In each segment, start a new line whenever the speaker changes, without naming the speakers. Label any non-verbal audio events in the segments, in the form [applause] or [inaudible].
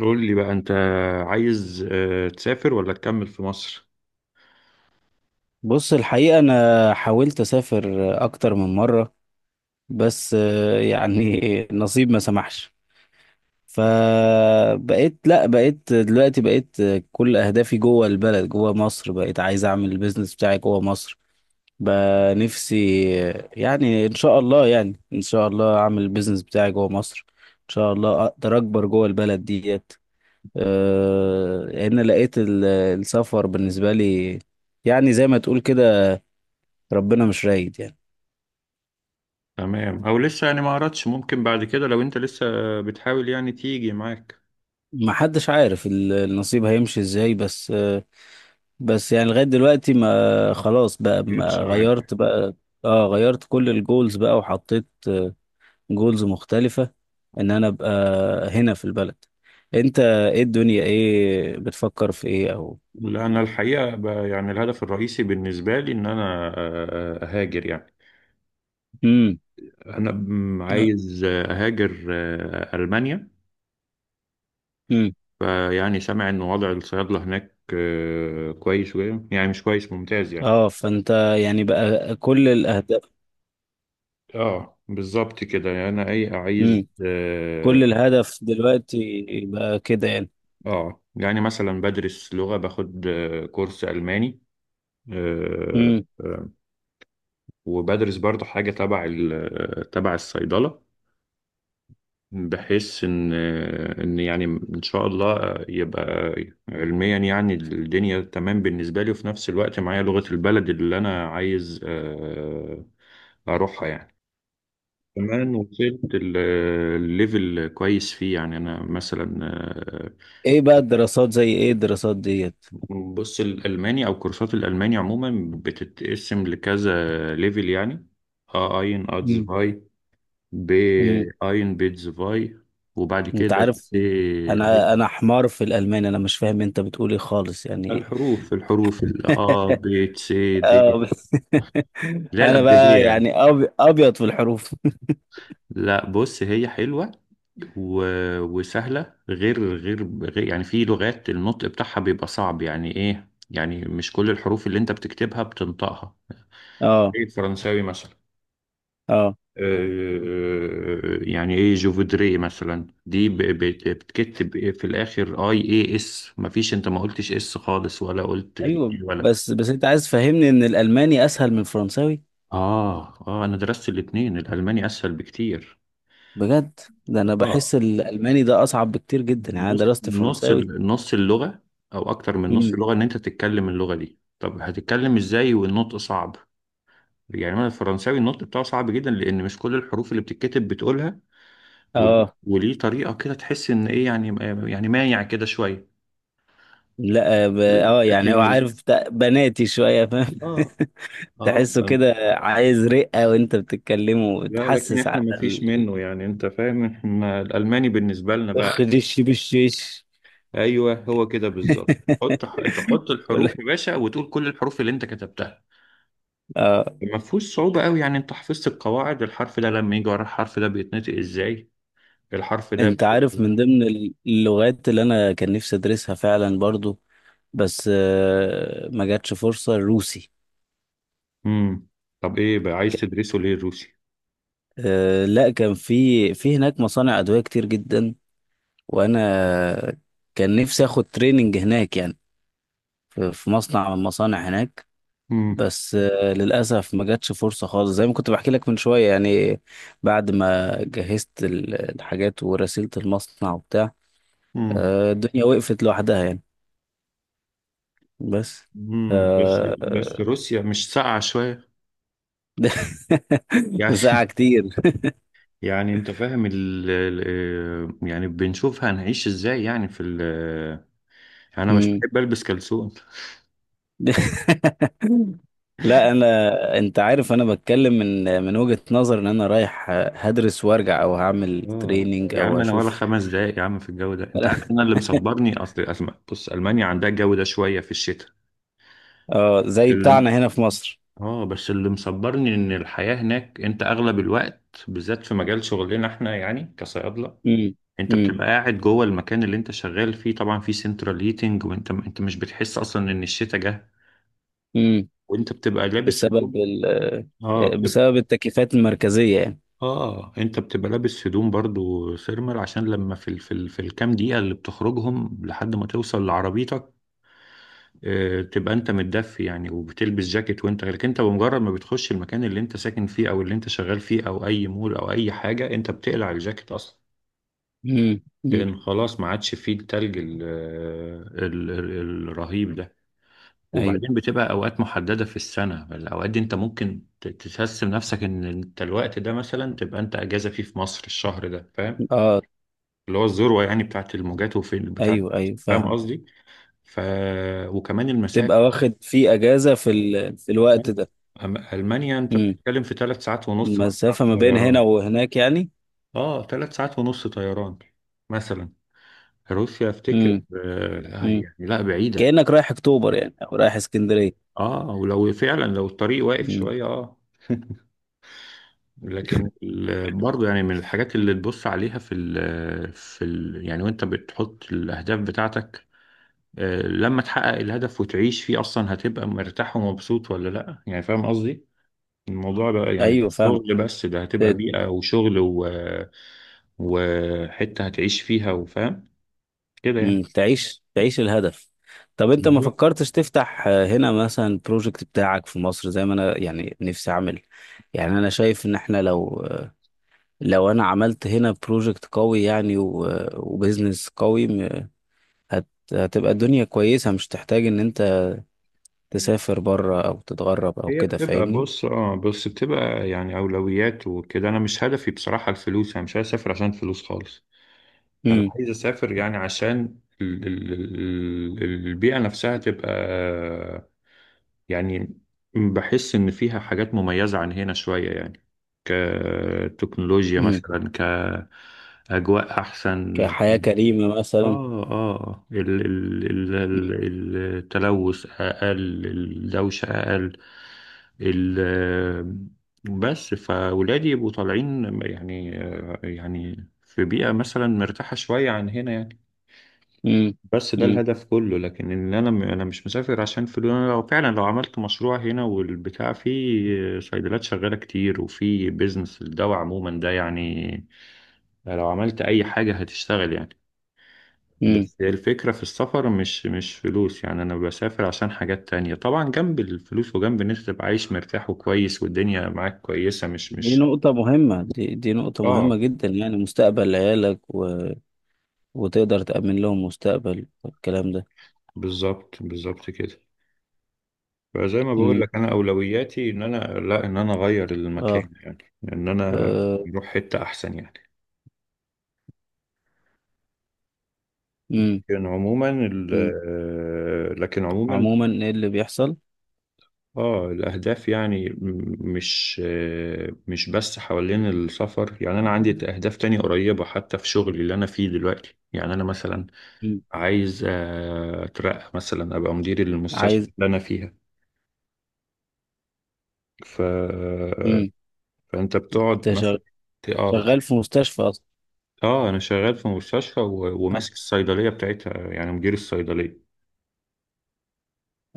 قول لي بقى. انت عايز تسافر ولا تكمل في مصر؟
بص الحقيقة أنا حاولت أسافر أكتر من مرة. بس يعني [laughs] نصيب ما سمحش. فبقيت، لا، بقيت دلوقتي، بقيت كل أهدافي جوه البلد، جوه مصر. بقيت عايز أعمل البيزنس بتاعي جوه مصر. بقى نفسي يعني إن شاء الله أعمل البيزنس بتاعي جوه مصر. إن شاء الله أقدر أكبر جوه البلد ديت. لأن لقيت السفر بالنسبة لي، يعني زي ما تقول كده، ربنا مش رايد يعني.
تمام. او لسه يعني ما قررتش؟ ممكن بعد كده لو انت لسه بتحاول يعني تيجي معاك.
ما حدش عارف النصيب هيمشي ازاي بس يعني لغاية دلوقتي، ما خلاص
ما
بقى، ما
جاتش معاك؟
غيرت بقى. اه، غيرت كل الجولز بقى وحطيت جولز مختلفة، ان انا ابقى هنا في البلد. انت ايه؟ الدنيا ايه؟ بتفكر في ايه؟ او...
لا، انا الحقيقه بقى يعني الهدف الرئيسي بالنسبه لي ان انا اهاجر يعني.
امم.
انا عايز اهاجر المانيا.
امم.
فيعني سامع ان وضع الصيادله هناك كويس شويه، يعني مش كويس ممتاز يعني.
اه، فانت يعني بقى كل الاهداف.
اه بالظبط كده، انا عايز
امم. كل الهدف دلوقتي بقى كده يعني.
اه يعني مثلا بدرس لغة، باخد كورس ألماني. آه،
امم.
آه، وبدرس برضه حاجة تبع الصيدلة. بحيث إن يعني إن شاء الله يبقى علميا يعني الدنيا تمام بالنسبة لي، وفي نفس الوقت معايا لغة البلد اللي أنا عايز أروحها يعني. كمان وصلت الليفل كويس فيه، يعني أنا مثلا
ايه بقى الدراسات؟ زي ايه الدراسات ديت؟
بص، الألماني أو كورسات الألماني عموما بتتقسم لكذا ليفل يعني. أ أين، أتزفاي، ب
امم.
أين، بيتزفاي، وبعد
انت
كده
عارف،
سي
انا
أين.
انا حمار في الالمان، انا مش فاهم انت بتقول ايه خالص، يعني ايه؟
الحروف، ال أ ب س د.
آه. [laughs]
لا،
انا
الأبجدية
بقى
يعني.
يعني ابيض في الحروف.
لا، بص هي حلوة و... وسهلة. يعني في لغات النطق بتاعها بيبقى صعب، يعني إيه يعني، مش كل الحروف اللي أنت بتكتبها بتنطقها.
[laughs] اه،
زي الفرنساوي مثلا.
اه.
يعني ايه، جوفودري مثلا دي بتكتب ايه في الاخر؟ اي اي اس. مفيش انت ما قلتش اس خالص ولا قلت ال
ايوه،
A ولا.
بس انت عايز تفهمني ان الالماني اسهل من الفرنساوي؟
اه، اه، انا درست الاتنين، الالماني اسهل بكتير.
بجد؟ ده انا
اه،
بحس الالماني ده اصعب بكتير جدا، يعني انا
بص،
درست فرنساوي.
نص اللغة او اكتر من نص
امم.
اللغة ان انت تتكلم اللغة دي، طب هتتكلم ازاي والنطق صعب؟ يعني انا الفرنساوي النطق بتاعه صعب جدا، لان مش كل الحروف اللي بتتكتب بتقولها. وليه
اه،
وليه طريقة كده تحس ان ايه يعني يعني مايع كده شوية.
لا،
لكن
يعني هو عارف، بناتي شويه فاهم.
اه،
[laughs]
اه،
تحسه كده عايز رقه وانت بتتكلمه،
لا، لكن
وتحسس
احنا
على
ما فيش منه، يعني انت فاهم احنا الالماني بالنسبه لنا بقى.
خديش بالشيش.
ايوه، هو كده بالظبط.
[laughs]
تحط
كل
الحروف يا باشا وتقول كل الحروف اللي انت كتبتها.
آه.
ما فيهوش صعوبه قوي، يعني انت حفظت القواعد. الحرف ده لما يجي ورا الحرف ده بيتنطق ازاي. الحرف ده
انت عارف، من ضمن اللغات اللي انا كان نفسي ادرسها فعلا برضو، بس ما جاتش فرصة، الروسي.
مم. طب ايه بقى عايز
كان-
تدرسه ليه الروسي؟
لا، كان في هناك مصانع ادوية كتير جدا، وانا كان نفسي اخد تريننج هناك يعني، في مصنع من المصانع هناك.
امم
بس للأسف ما جاتش فرصة خالص، زي ما كنت بحكي لك من شوية يعني. بعد ما جهزت الحاجات ورسلت المصنع وبتاع،
امم
الدنيا وقفت لوحدها يعني. بس. ف- [laughs]
بس
آه،
روسيا مش ساقعه شويه يعني؟
ساعة كتير. [laughs]
يعني انت فاهم يعني بنشوف هنعيش ازاي يعني في يعني انا مش
مم.
بحب البس كلسون.
[laughs] لا انا، انت عارف، انا بتكلم من وجهة نظر ان انا رايح هدرس وارجع، او هعمل
اه
تريننج،
يا عم،
او
انا ولا
اشوف.
5 دقايق يا عم في الجو ده. انت عارف انا
[laughs]
اللي مصبرني اصل بص، المانيا عندها الجو ده شويه في الشتاء.
اه، زي
اللي-
بتاعنا هنا في مصر.
اه، بس اللي مصبرني ان الحياه هناك انت اغلب الوقت بالذات في مجال شغلنا احنا، يعني كصيادله.
امم.
انت بتبقى قاعد جوه المكان اللي انت شغال فيه، طبعا في سنترال هيتنج، وانت مش بتحس اصلا ان الشتاء جه.
امم.
وانت بتبقى لابس هدوم.
بسبب ال
اه
بسبب التكليفات المركزية يعني.
اه انت بتبقى لابس هدوم برضو ثيرمال، عشان لما في الكام دقيقة اللي بتخرجهم لحد ما توصل لعربيتك. تبقى انت متدفي يعني، وبتلبس جاكيت لكن انت بمجرد ما بتخش المكان اللي انت ساكن فيه او اللي انت شغال فيه او اي مول او اي حاجة، انت بتقلع الجاكيت اصلا.
امم. امم.
لان خلاص ما عادش فيه التلج الرهيب ده.
ايوه.
وبعدين بتبقى اوقات محدده في السنه، الاوقات دي انت ممكن تحس بنفسك ان انت الوقت ده مثلا تبقى انت اجازه فيه في مصر الشهر ده، فاهم؟
اه.
اللي هو الذروة يعني بتاعت الموجات وفي بتاع.
ايوه. ايوه،
فاهم
فاهمه.
قصدي؟ ف وكمان المسافة.
تبقى واخد في اجازة في في الوقت
فاهم؟
ده.
ألمانيا أنت
امم.
بتتكلم في 3 ساعات ونص مثلا
المسافة ما بين هنا
طيران.
وهناك يعني.
اه، ثلاث ساعات ونص طيران مثلا. روسيا أفتكر
امم. امم.
يعني لا بعيدة.
كأنك رايح اكتوبر يعني، او رايح اسكندرية.
اه، ولو فعلا لو الطريق واقف
امم.
شوية اه. [laughs] لكن برضه يعني من الحاجات اللي تبص عليها في ال في ال يعني وانت بتحط الاهداف بتاعتك. لما تحقق الهدف وتعيش فيه اصلا هتبقى مرتاح ومبسوط ولا لا يعني، فاهم قصدي؟ الموضوع بقى يعني
ايوه
مش
فاهمك.
شغل بس، ده هتبقى
ت-
بيئة وشغل و... وحتة هتعيش فيها، وفاهم كده يعني.
مم. تعيش الهدف. طب انت ما
بالظبط.
فكرتش تفتح هنا مثلا بروجكت بتاعك في مصر، زي ما انا يعني نفسي اعمل؟ يعني انا شايف ان احنا لو انا عملت هنا بروجكت قوي يعني، وبزنس قوي، هت هتبقى الدنيا كويسة، مش تحتاج ان انت تسافر بره او تتغرب او
هي
كده،
بتبقى،
فاهمني؟
بص اه بس بتبقى يعني أولويات وكده، أنا مش هدفي بصراحة الفلوس، أنا مش عايز أسافر عشان فلوس خالص. أنا
امم.
عايز أسافر يعني عشان البيئة نفسها تبقى يعني. بحس إن فيها حاجات مميزة عن هنا شوية، يعني كتكنولوجيا
امم.
مثلا، كأجواء أحسن.
كحياة كريمة مثلا.
آه آه ال ال ال ال التلوث أقل، الدوشة أقل، ال بس فولادي يبقوا طالعين يعني. يعني في بيئة مثلا مرتاحة شوية عن هنا يعني.
امم.
بس ده
امم.
الهدف كله، لكن ان انا مش مسافر عشان فلوس. انا لو فعلا لو عملت مشروع هنا والبتاع، فيه صيدلات شغاله كتير وفي بيزنس الدواء عموما ده يعني، لو عملت اي حاجه هتشتغل يعني.
امم.
بس هي الفكره في السفر مش فلوس، يعني انا بسافر عشان حاجات تانية طبعا جنب الفلوس، وجنب ان انت تبقى عايش مرتاح وكويس والدنيا معاك كويسه، مش
دي
مش
نقطة مهمة، دي نقطة
اه،
مهمة جدا، يعني مستقبل عيالك، وتقدر تأمن لهم مستقبل والكلام ده.
بالظبط بالظبط كده. فزي ما بقول
امم.
لك انا اولوياتي ان انا، لا، ان انا اغير
اه.
المكان، يعني ان انا اروح حته احسن يعني.
امم. امم.
لكن عموما
عموما ايه اللي بيحصل؟
اه الاهداف يعني مش بس حوالين السفر، يعني انا عندي اهداف تانية قريبه حتى في شغلي اللي انا فيه دلوقتي، يعني انا مثلا
مم.
عايز اترقى مثلا ابقى مدير المستشفى
عايز.
اللي انا فيها. ف... فانت بتقعد
امم.
مثلا. اه،
شغال في مستشفى اصلا؟
اه، انا شغال في مستشفى و-
اه.
وماسك الصيدليه بتاعتها، يعني مدير الصيدليه.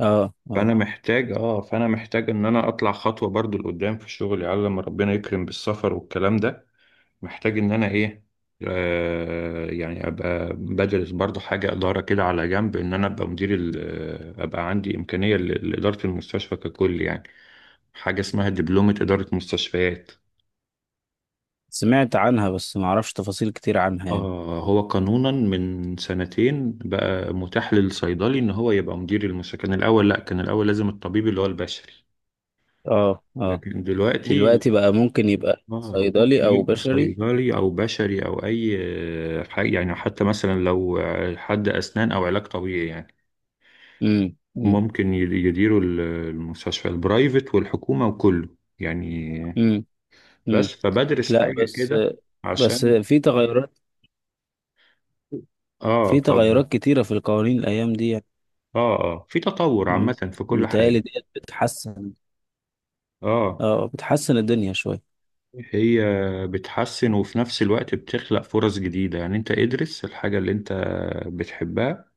اه. آه.
فانا محتاج ان انا اطلع خطوه برضو لقدام في شغلي، على لما ربنا يكرم بالسفر والكلام ده. محتاج ان انا ايه، يعني ابقى بدرس برضو حاجه اداره كده على جنب، ان انا ابقى مدير ابقى عندي امكانيه لاداره المستشفى ككل يعني. حاجه اسمها دبلومه اداره مستشفيات.
سمعت عنها بس ما اعرفش تفاصيل كتير عنها يعني.
هو قانونا من سنتين بقى متاح للصيدلي ان هو يبقى مدير المستشفى. كان الاول، لا، كان الاول لازم الطبيب اللي هو البشري.
اه. اه.
لكن دلوقتي
دلوقتي بقى ممكن يبقى صيدلي
ممكن
او
يبقى
بشري.
صيدلي او بشري او اي حاجة يعني. حتى مثلا لو حد اسنان او علاج طبيعي يعني،
امم. امم.
ممكن يديروا المستشفى البرايفت والحكومة وكله يعني.
امم. أمم.
بس فبدرس
لا،
حاجة
بس
كده
بس
عشان.
في تغيرات.
اه،
في
طبعا.
تغيرات كتيرة في القوانين الايام دي يعني.
اه، اه، في تطور
أمم.
عامة في كل
متهيألي
حاجة.
ديت بتحسن.
اه،
اه، بتحسن الدنيا شوية.
هي بتحسن، وفي نفس الوقت بتخلق فرص جديدة. يعني انت ادرس الحاجة اللي انت بتحبها،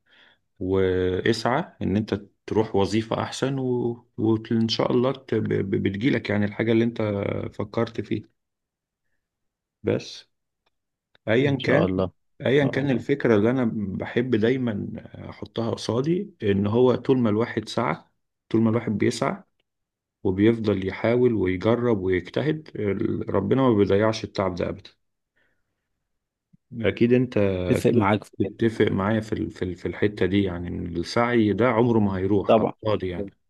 واسعى ان انت تروح وظيفة احسن، و... وان شاء الله بتجيلك يعني الحاجة اللي انت فكرت فيها. بس ايا
إن شاء
كان
الله. إن
ايا
شاء
كان
الله.
الفكرة اللي انا بحب دايما احطها قصادي، ان هو طول ما الواحد سعى، طول ما الواحد بيسعى وبيفضل يحاول ويجرب ويجتهد، ربنا ما بيضيعش التعب ده ابدا. اكيد، انت
اتفق
اكيد
معاك في كده.
تتفق معايا في الحته دي، يعني ان السعي ده عمره ما هيروح على
طبعا.
الفاضي يعني.